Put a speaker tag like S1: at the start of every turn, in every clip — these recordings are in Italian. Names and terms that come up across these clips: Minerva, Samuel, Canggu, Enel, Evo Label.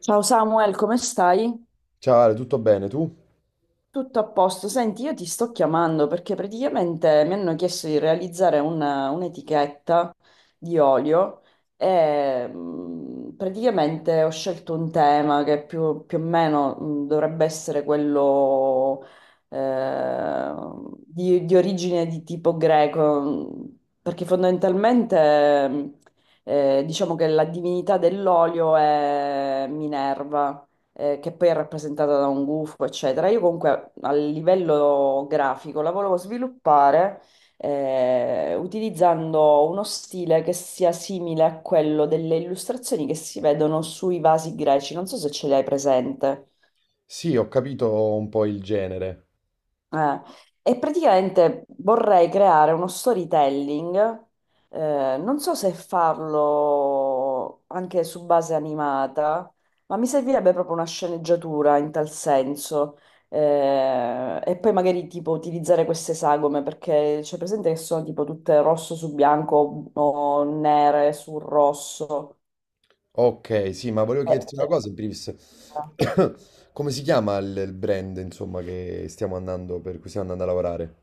S1: Ciao Samuel, come stai?
S2: Ciao Ale, tutto bene tu?
S1: Tutto a posto. Senti, io ti sto chiamando perché praticamente mi hanno chiesto di realizzare una- un'etichetta di olio e praticamente ho scelto un tema che più, più o meno dovrebbe essere quello eh, di origine di tipo greco, perché fondamentalmente diciamo che la divinità dell'olio è Minerva, che poi è rappresentata da un gufo, eccetera. Io comunque a livello grafico la volevo sviluppare utilizzando uno stile che sia simile a quello delle illustrazioni che si vedono sui vasi greci. Non so se ce l'hai presente.
S2: Sì, ho capito un po' il genere.
S1: Eh, e praticamente vorrei creare uno storytelling, non so se farlo anche su base animata, ma mi servirebbe proprio una sceneggiatura in tal senso. E poi magari tipo utilizzare queste sagome perché c'è presente che sono tipo tutte rosso su bianco o nere su rosso.
S2: Ok, sì, ma volevo chiederti una
S1: Eh,
S2: cosa, in primis.
S1: eh.
S2: Come si chiama il brand, insomma, che stiamo andando, per cui stiamo andando a lavorare?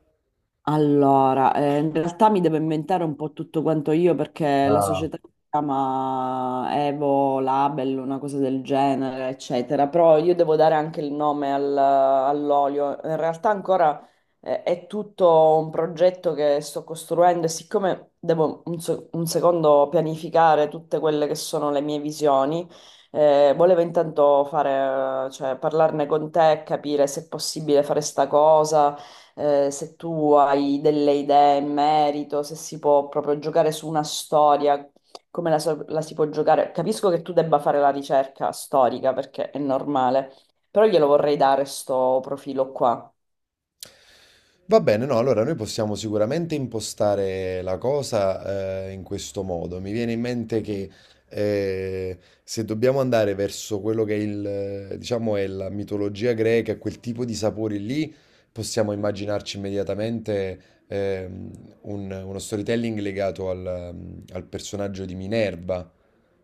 S1: Allora, in realtà mi devo inventare un po' tutto quanto io perché la
S2: Ah.
S1: società si chiama Evo Label, una cosa del genere, eccetera, però io devo dare anche il nome al- all'olio. In realtà ancora è tutto un progetto che sto costruendo e siccome devo un, se- un secondo pianificare tutte quelle che sono le mie visioni, volevo intanto fare, cioè, parlarne con te, capire se è possibile fare sta cosa, se tu hai delle idee in merito, se si può proprio giocare su una storia, come la, so- la si può giocare. Capisco che tu debba fare la ricerca storica perché è normale, però glielo vorrei dare sto profilo qua.
S2: Va bene, no, allora noi possiamo sicuramente impostare la cosa, in questo modo. Mi viene in mente che se dobbiamo andare verso quello che è la mitologia greca, quel tipo di sapori lì, possiamo immaginarci immediatamente ehm, uno storytelling legato al personaggio di Minerva,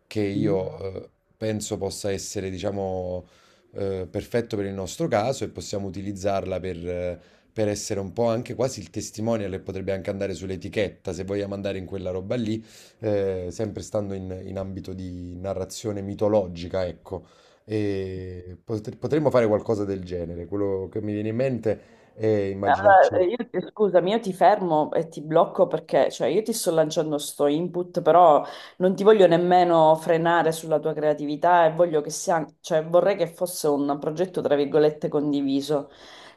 S2: che io penso possa essere, diciamo, perfetto per il nostro caso e possiamo utilizzarla per essere un po' anche quasi il testimonial e potrebbe anche andare sull'etichetta se vogliamo andare in quella roba lì, sempre stando in ambito di narrazione mitologica, ecco. E potremmo fare qualcosa del genere. Quello che mi viene in mente è immaginarci.
S1: Allora, io, scusami, io ti fermo e ti blocco perché, cioè, io ti sto lanciando sto input, però non ti voglio nemmeno frenare sulla tua creatività e voglio che sia, cioè, vorrei che fosse un progetto, tra virgolette, condiviso.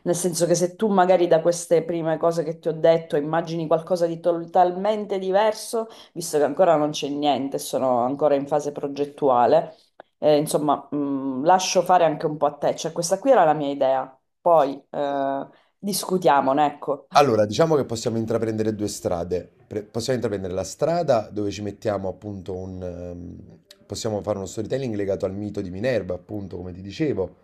S1: Nel senso che se tu magari da queste prime cose che ti ho detto immagini qualcosa di totalmente diverso, visto che ancora non c'è niente, sono ancora in fase progettuale, insomma, lascio fare anche un po' a te. Cioè, questa qui era la mia idea. Poi discutiamone, ecco.
S2: Allora, diciamo che possiamo intraprendere due strade. Possiamo intraprendere la strada dove ci mettiamo appunto un... possiamo fare uno storytelling legato al mito di Minerva, appunto, come ti dicevo,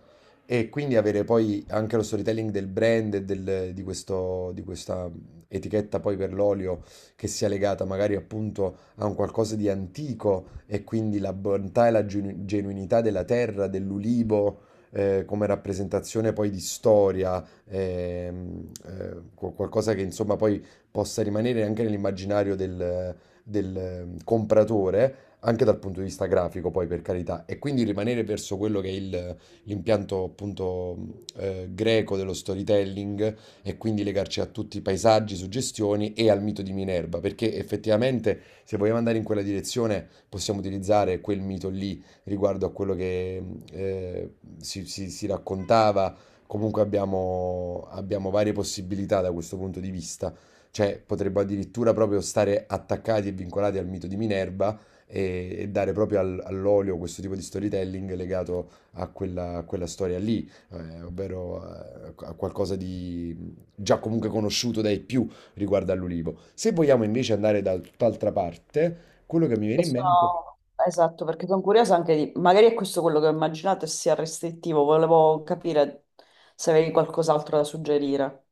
S2: e quindi avere poi anche lo storytelling del brand e di questa etichetta poi per l'olio che sia legata magari appunto a un qualcosa di antico e quindi la bontà e la genuinità della terra, dell'ulivo, come rappresentazione poi di storia qualcosa che insomma poi possa rimanere anche nell'immaginario del, compratore, anche dal punto di vista grafico, poi per carità, e quindi rimanere verso quello che è l'impianto appunto greco dello storytelling e quindi legarci a tutti i paesaggi, suggestioni e al mito di Minerva, perché effettivamente se vogliamo andare in quella direzione possiamo utilizzare quel mito lì riguardo a quello che eh, si raccontava. Comunque abbiamo varie possibilità da questo punto di vista. Cioè, potremmo addirittura proprio stare attaccati e vincolati al mito di Minerva e dare proprio all'olio questo tipo di storytelling legato a a quella storia lì, ovvero a qualcosa di già comunque conosciuto dai più riguardo all'ulivo. Se vogliamo invece andare da tutt'altra parte, quello che mi viene
S1: E
S2: in mente...
S1: sono- Esatto, perché sono curiosa anche di... Magari è questo quello che ho immaginato e sia restrittivo. Volevo capire se avevi qualcos'altro da suggerire.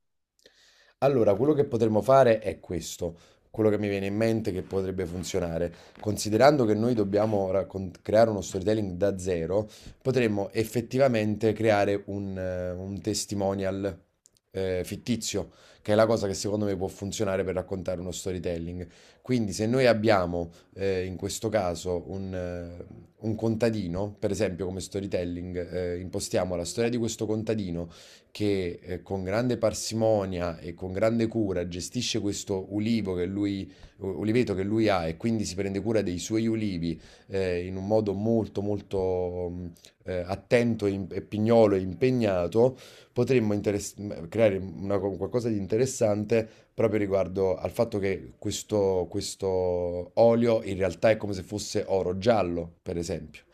S2: Allora, quello che potremmo fare è questo, quello che mi viene in mente che potrebbe funzionare. Considerando che noi dobbiamo creare uno storytelling da zero, potremmo effettivamente creare un testimonial fittizio, che è la cosa che secondo me può funzionare per raccontare uno storytelling. Quindi se noi abbiamo in questo caso un contadino, per esempio come storytelling, impostiamo la storia di questo contadino che con grande parsimonia e con grande cura gestisce questo ulivo che lui, uliveto che lui ha e quindi si prende cura dei suoi ulivi in un modo molto molto attento e pignolo e impegnato, potremmo creare qualcosa di interessante proprio riguardo al fatto che questo olio in realtà è come se fosse oro giallo, per esempio,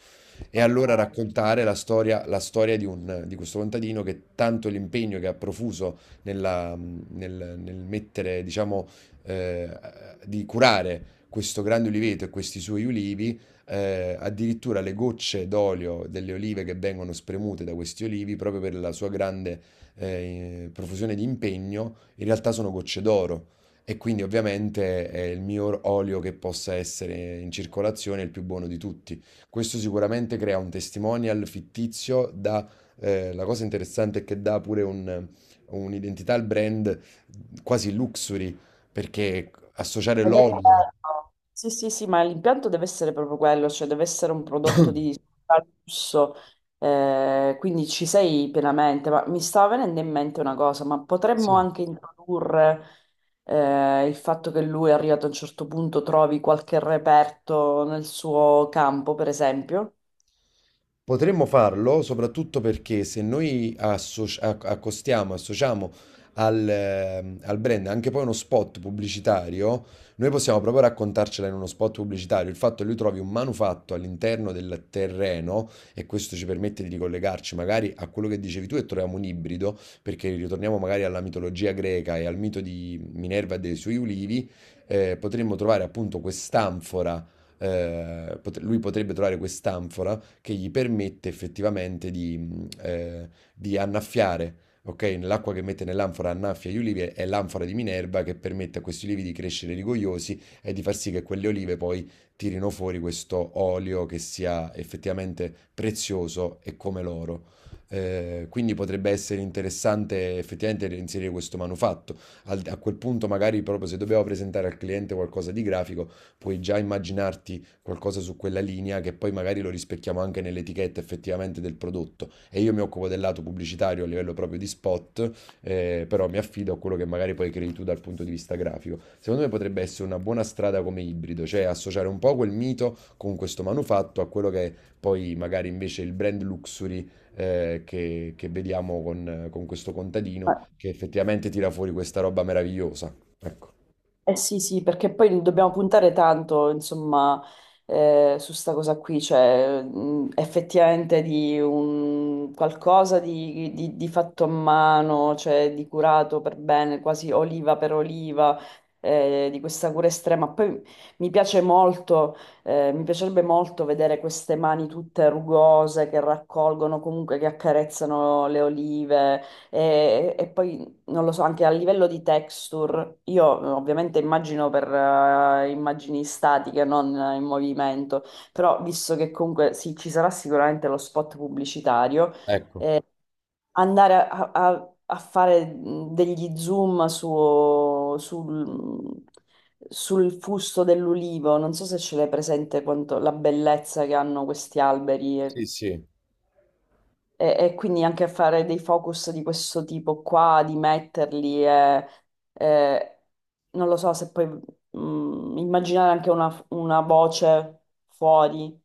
S2: e allora
S1: Ok.
S2: raccontare la storia di di questo contadino che tanto l'impegno che ha profuso nel mettere, diciamo, eh, di curare questo grande uliveto e questi suoi ulivi, addirittura le gocce d'olio delle olive che vengono spremute da questi olivi, proprio per la sua grande profusione di impegno, in realtà sono gocce d'oro. E quindi ovviamente è il miglior olio che possa essere in circolazione, il più buono di tutti. Questo sicuramente crea un testimonial fittizio, dà, la cosa interessante è che dà pure un'identità al brand quasi luxury, perché associare
S1: Ed è
S2: l'olio...
S1: quello. Sì, sì, sì, ma l'impianto deve essere proprio quello, cioè deve essere un prodotto di lusso, quindi ci sei pienamente. Ma mi stava venendo in mente una cosa, ma potremmo
S2: Sì.
S1: anche introdurre il fatto che lui è arrivato a un certo punto, trovi qualche reperto nel suo campo, per esempio?
S2: Potremmo farlo soprattutto perché se noi accostiamo, associamo al brand anche poi uno spot pubblicitario, noi possiamo proprio raccontarcela in uno spot pubblicitario. Il fatto che lui trovi un manufatto all'interno del terreno e questo ci permette di ricollegarci magari a quello che dicevi tu e troviamo un ibrido, perché ritorniamo magari alla mitologia greca e al mito di Minerva e dei suoi ulivi, potremmo trovare appunto quest'anfora, lui potrebbe trovare quest'anfora che gli permette effettivamente di annaffiare. Ok, l'acqua che mette nell'anfora annaffia gli ulivi, è l'anfora di Minerva che permette a questi ulivi di crescere rigogliosi e di far sì che quelle olive poi tirino fuori questo olio che sia effettivamente prezioso e come l'oro. Quindi potrebbe essere interessante effettivamente inserire questo manufatto. A quel punto, magari proprio se dobbiamo presentare al cliente qualcosa di grafico, puoi già immaginarti qualcosa su quella linea che poi magari lo rispecchiamo anche nell'etichetta effettivamente del prodotto. E io mi occupo del lato pubblicitario a livello proprio di spot, però mi affido a quello che magari poi crei tu dal punto di vista grafico. Secondo me potrebbe essere una buona strada come ibrido, cioè associare un po' quel mito con questo manufatto a quello che è poi magari invece il brand luxury che vediamo con questo contadino che effettivamente tira fuori questa roba meravigliosa. Ecco.
S1: Eh sì, sì, perché poi dobbiamo puntare tanto, insomma, su sta cosa qui, cioè effettivamente di un qualcosa di fatto a mano, cioè di curato per bene, quasi oliva per oliva, di questa cura estrema. Poi mi piace molto, mi piacerebbe molto vedere queste mani tutte rugose che raccolgono, comunque che accarezzano le olive e poi non lo so, anche a livello di texture, io ovviamente immagino per immagini statiche, non in movimento, però visto che comunque sì, ci sarà sicuramente lo spot pubblicitario,
S2: Ecco,
S1: andare a, a- a fare degli zoom su- sul, sul fusto dell'ulivo, non so se ce l'hai presente quanto, la bellezza che hanno questi
S2: sì,
S1: alberi,
S2: sì.
S1: e quindi anche fare dei focus di questo tipo qua, di metterli, e non lo so se poi immaginare anche una voce fuori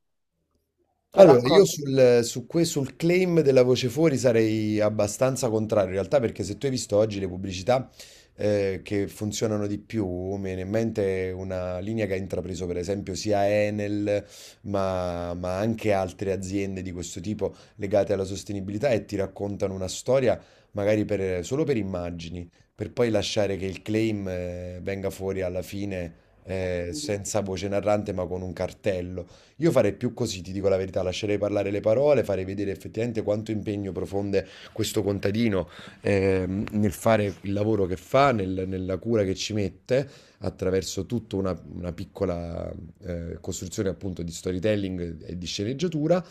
S1: che
S2: Allora, io
S1: racconta.
S2: sul claim della voce fuori sarei abbastanza contrario, in realtà perché se tu hai visto oggi le pubblicità che funzionano di più, mi viene in mente una linea che ha intrapreso per esempio sia Enel, ma anche altre aziende di questo tipo legate alla sostenibilità, e ti raccontano una storia magari solo per immagini, per poi lasciare che il claim venga fuori alla fine senza voce narrante ma con un cartello. Io farei più così, ti dico la verità, lascerei parlare le parole, farei vedere effettivamente quanto impegno profonde questo contadino nel fare il lavoro che fa, nella cura che ci mette, attraverso tutta una piccola costruzione appunto di storytelling e di sceneggiatura,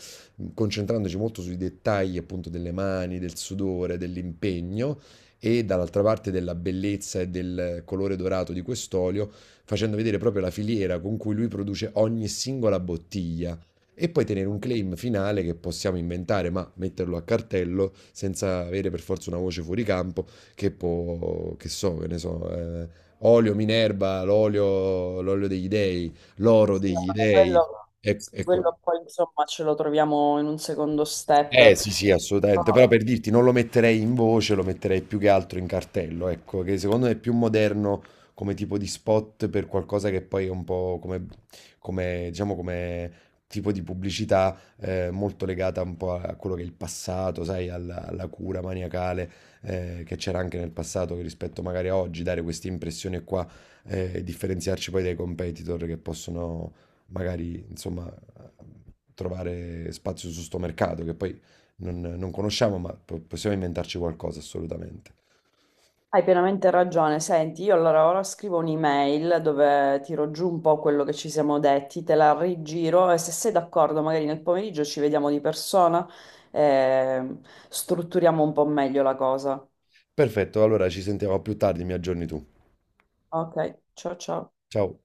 S2: concentrandoci molto sui dettagli appunto delle mani, del sudore, dell'impegno, e dall'altra parte della bellezza e del colore dorato di quest'olio, facendo vedere proprio la filiera con cui lui produce ogni singola bottiglia. E poi tenere un claim finale che possiamo inventare, ma metterlo a cartello senza avere per forza una voce fuori campo che può, che so, che ne so, olio Minerva, l'olio, l'olio degli dei, l'oro
S1: Sì, no,
S2: degli
S1: vabbè,
S2: dei.
S1: quello, sì,
S2: Ecco,
S1: quello poi insomma ce lo troviamo in un secondo
S2: eh
S1: step.
S2: sì, sì, assolutamente, però per dirti non lo metterei in voce, lo metterei più che altro in cartello, ecco, che secondo me è più moderno come tipo di spot per qualcosa che poi è un po' come, come, diciamo, come tipo di pubblicità molto legata un po' a quello che è il passato, sai, alla cura maniacale che c'era anche nel passato, che rispetto magari a oggi, dare queste impressioni qua, e differenziarci poi dai competitor che possono magari, insomma, trovare spazio su sto mercato, che poi non conosciamo, ma possiamo inventarci qualcosa assolutamente.
S1: Hai pienamente ragione. Senti, io allora ora scrivo un'email dove tiro giù un po' quello che ci siamo detti, te la rigiro e se sei d'accordo, magari nel pomeriggio ci vediamo di persona e strutturiamo un po' meglio la cosa.
S2: Perfetto, allora ci sentiamo più tardi, mi aggiorni tu.
S1: Ok, ciao ciao.
S2: Ciao.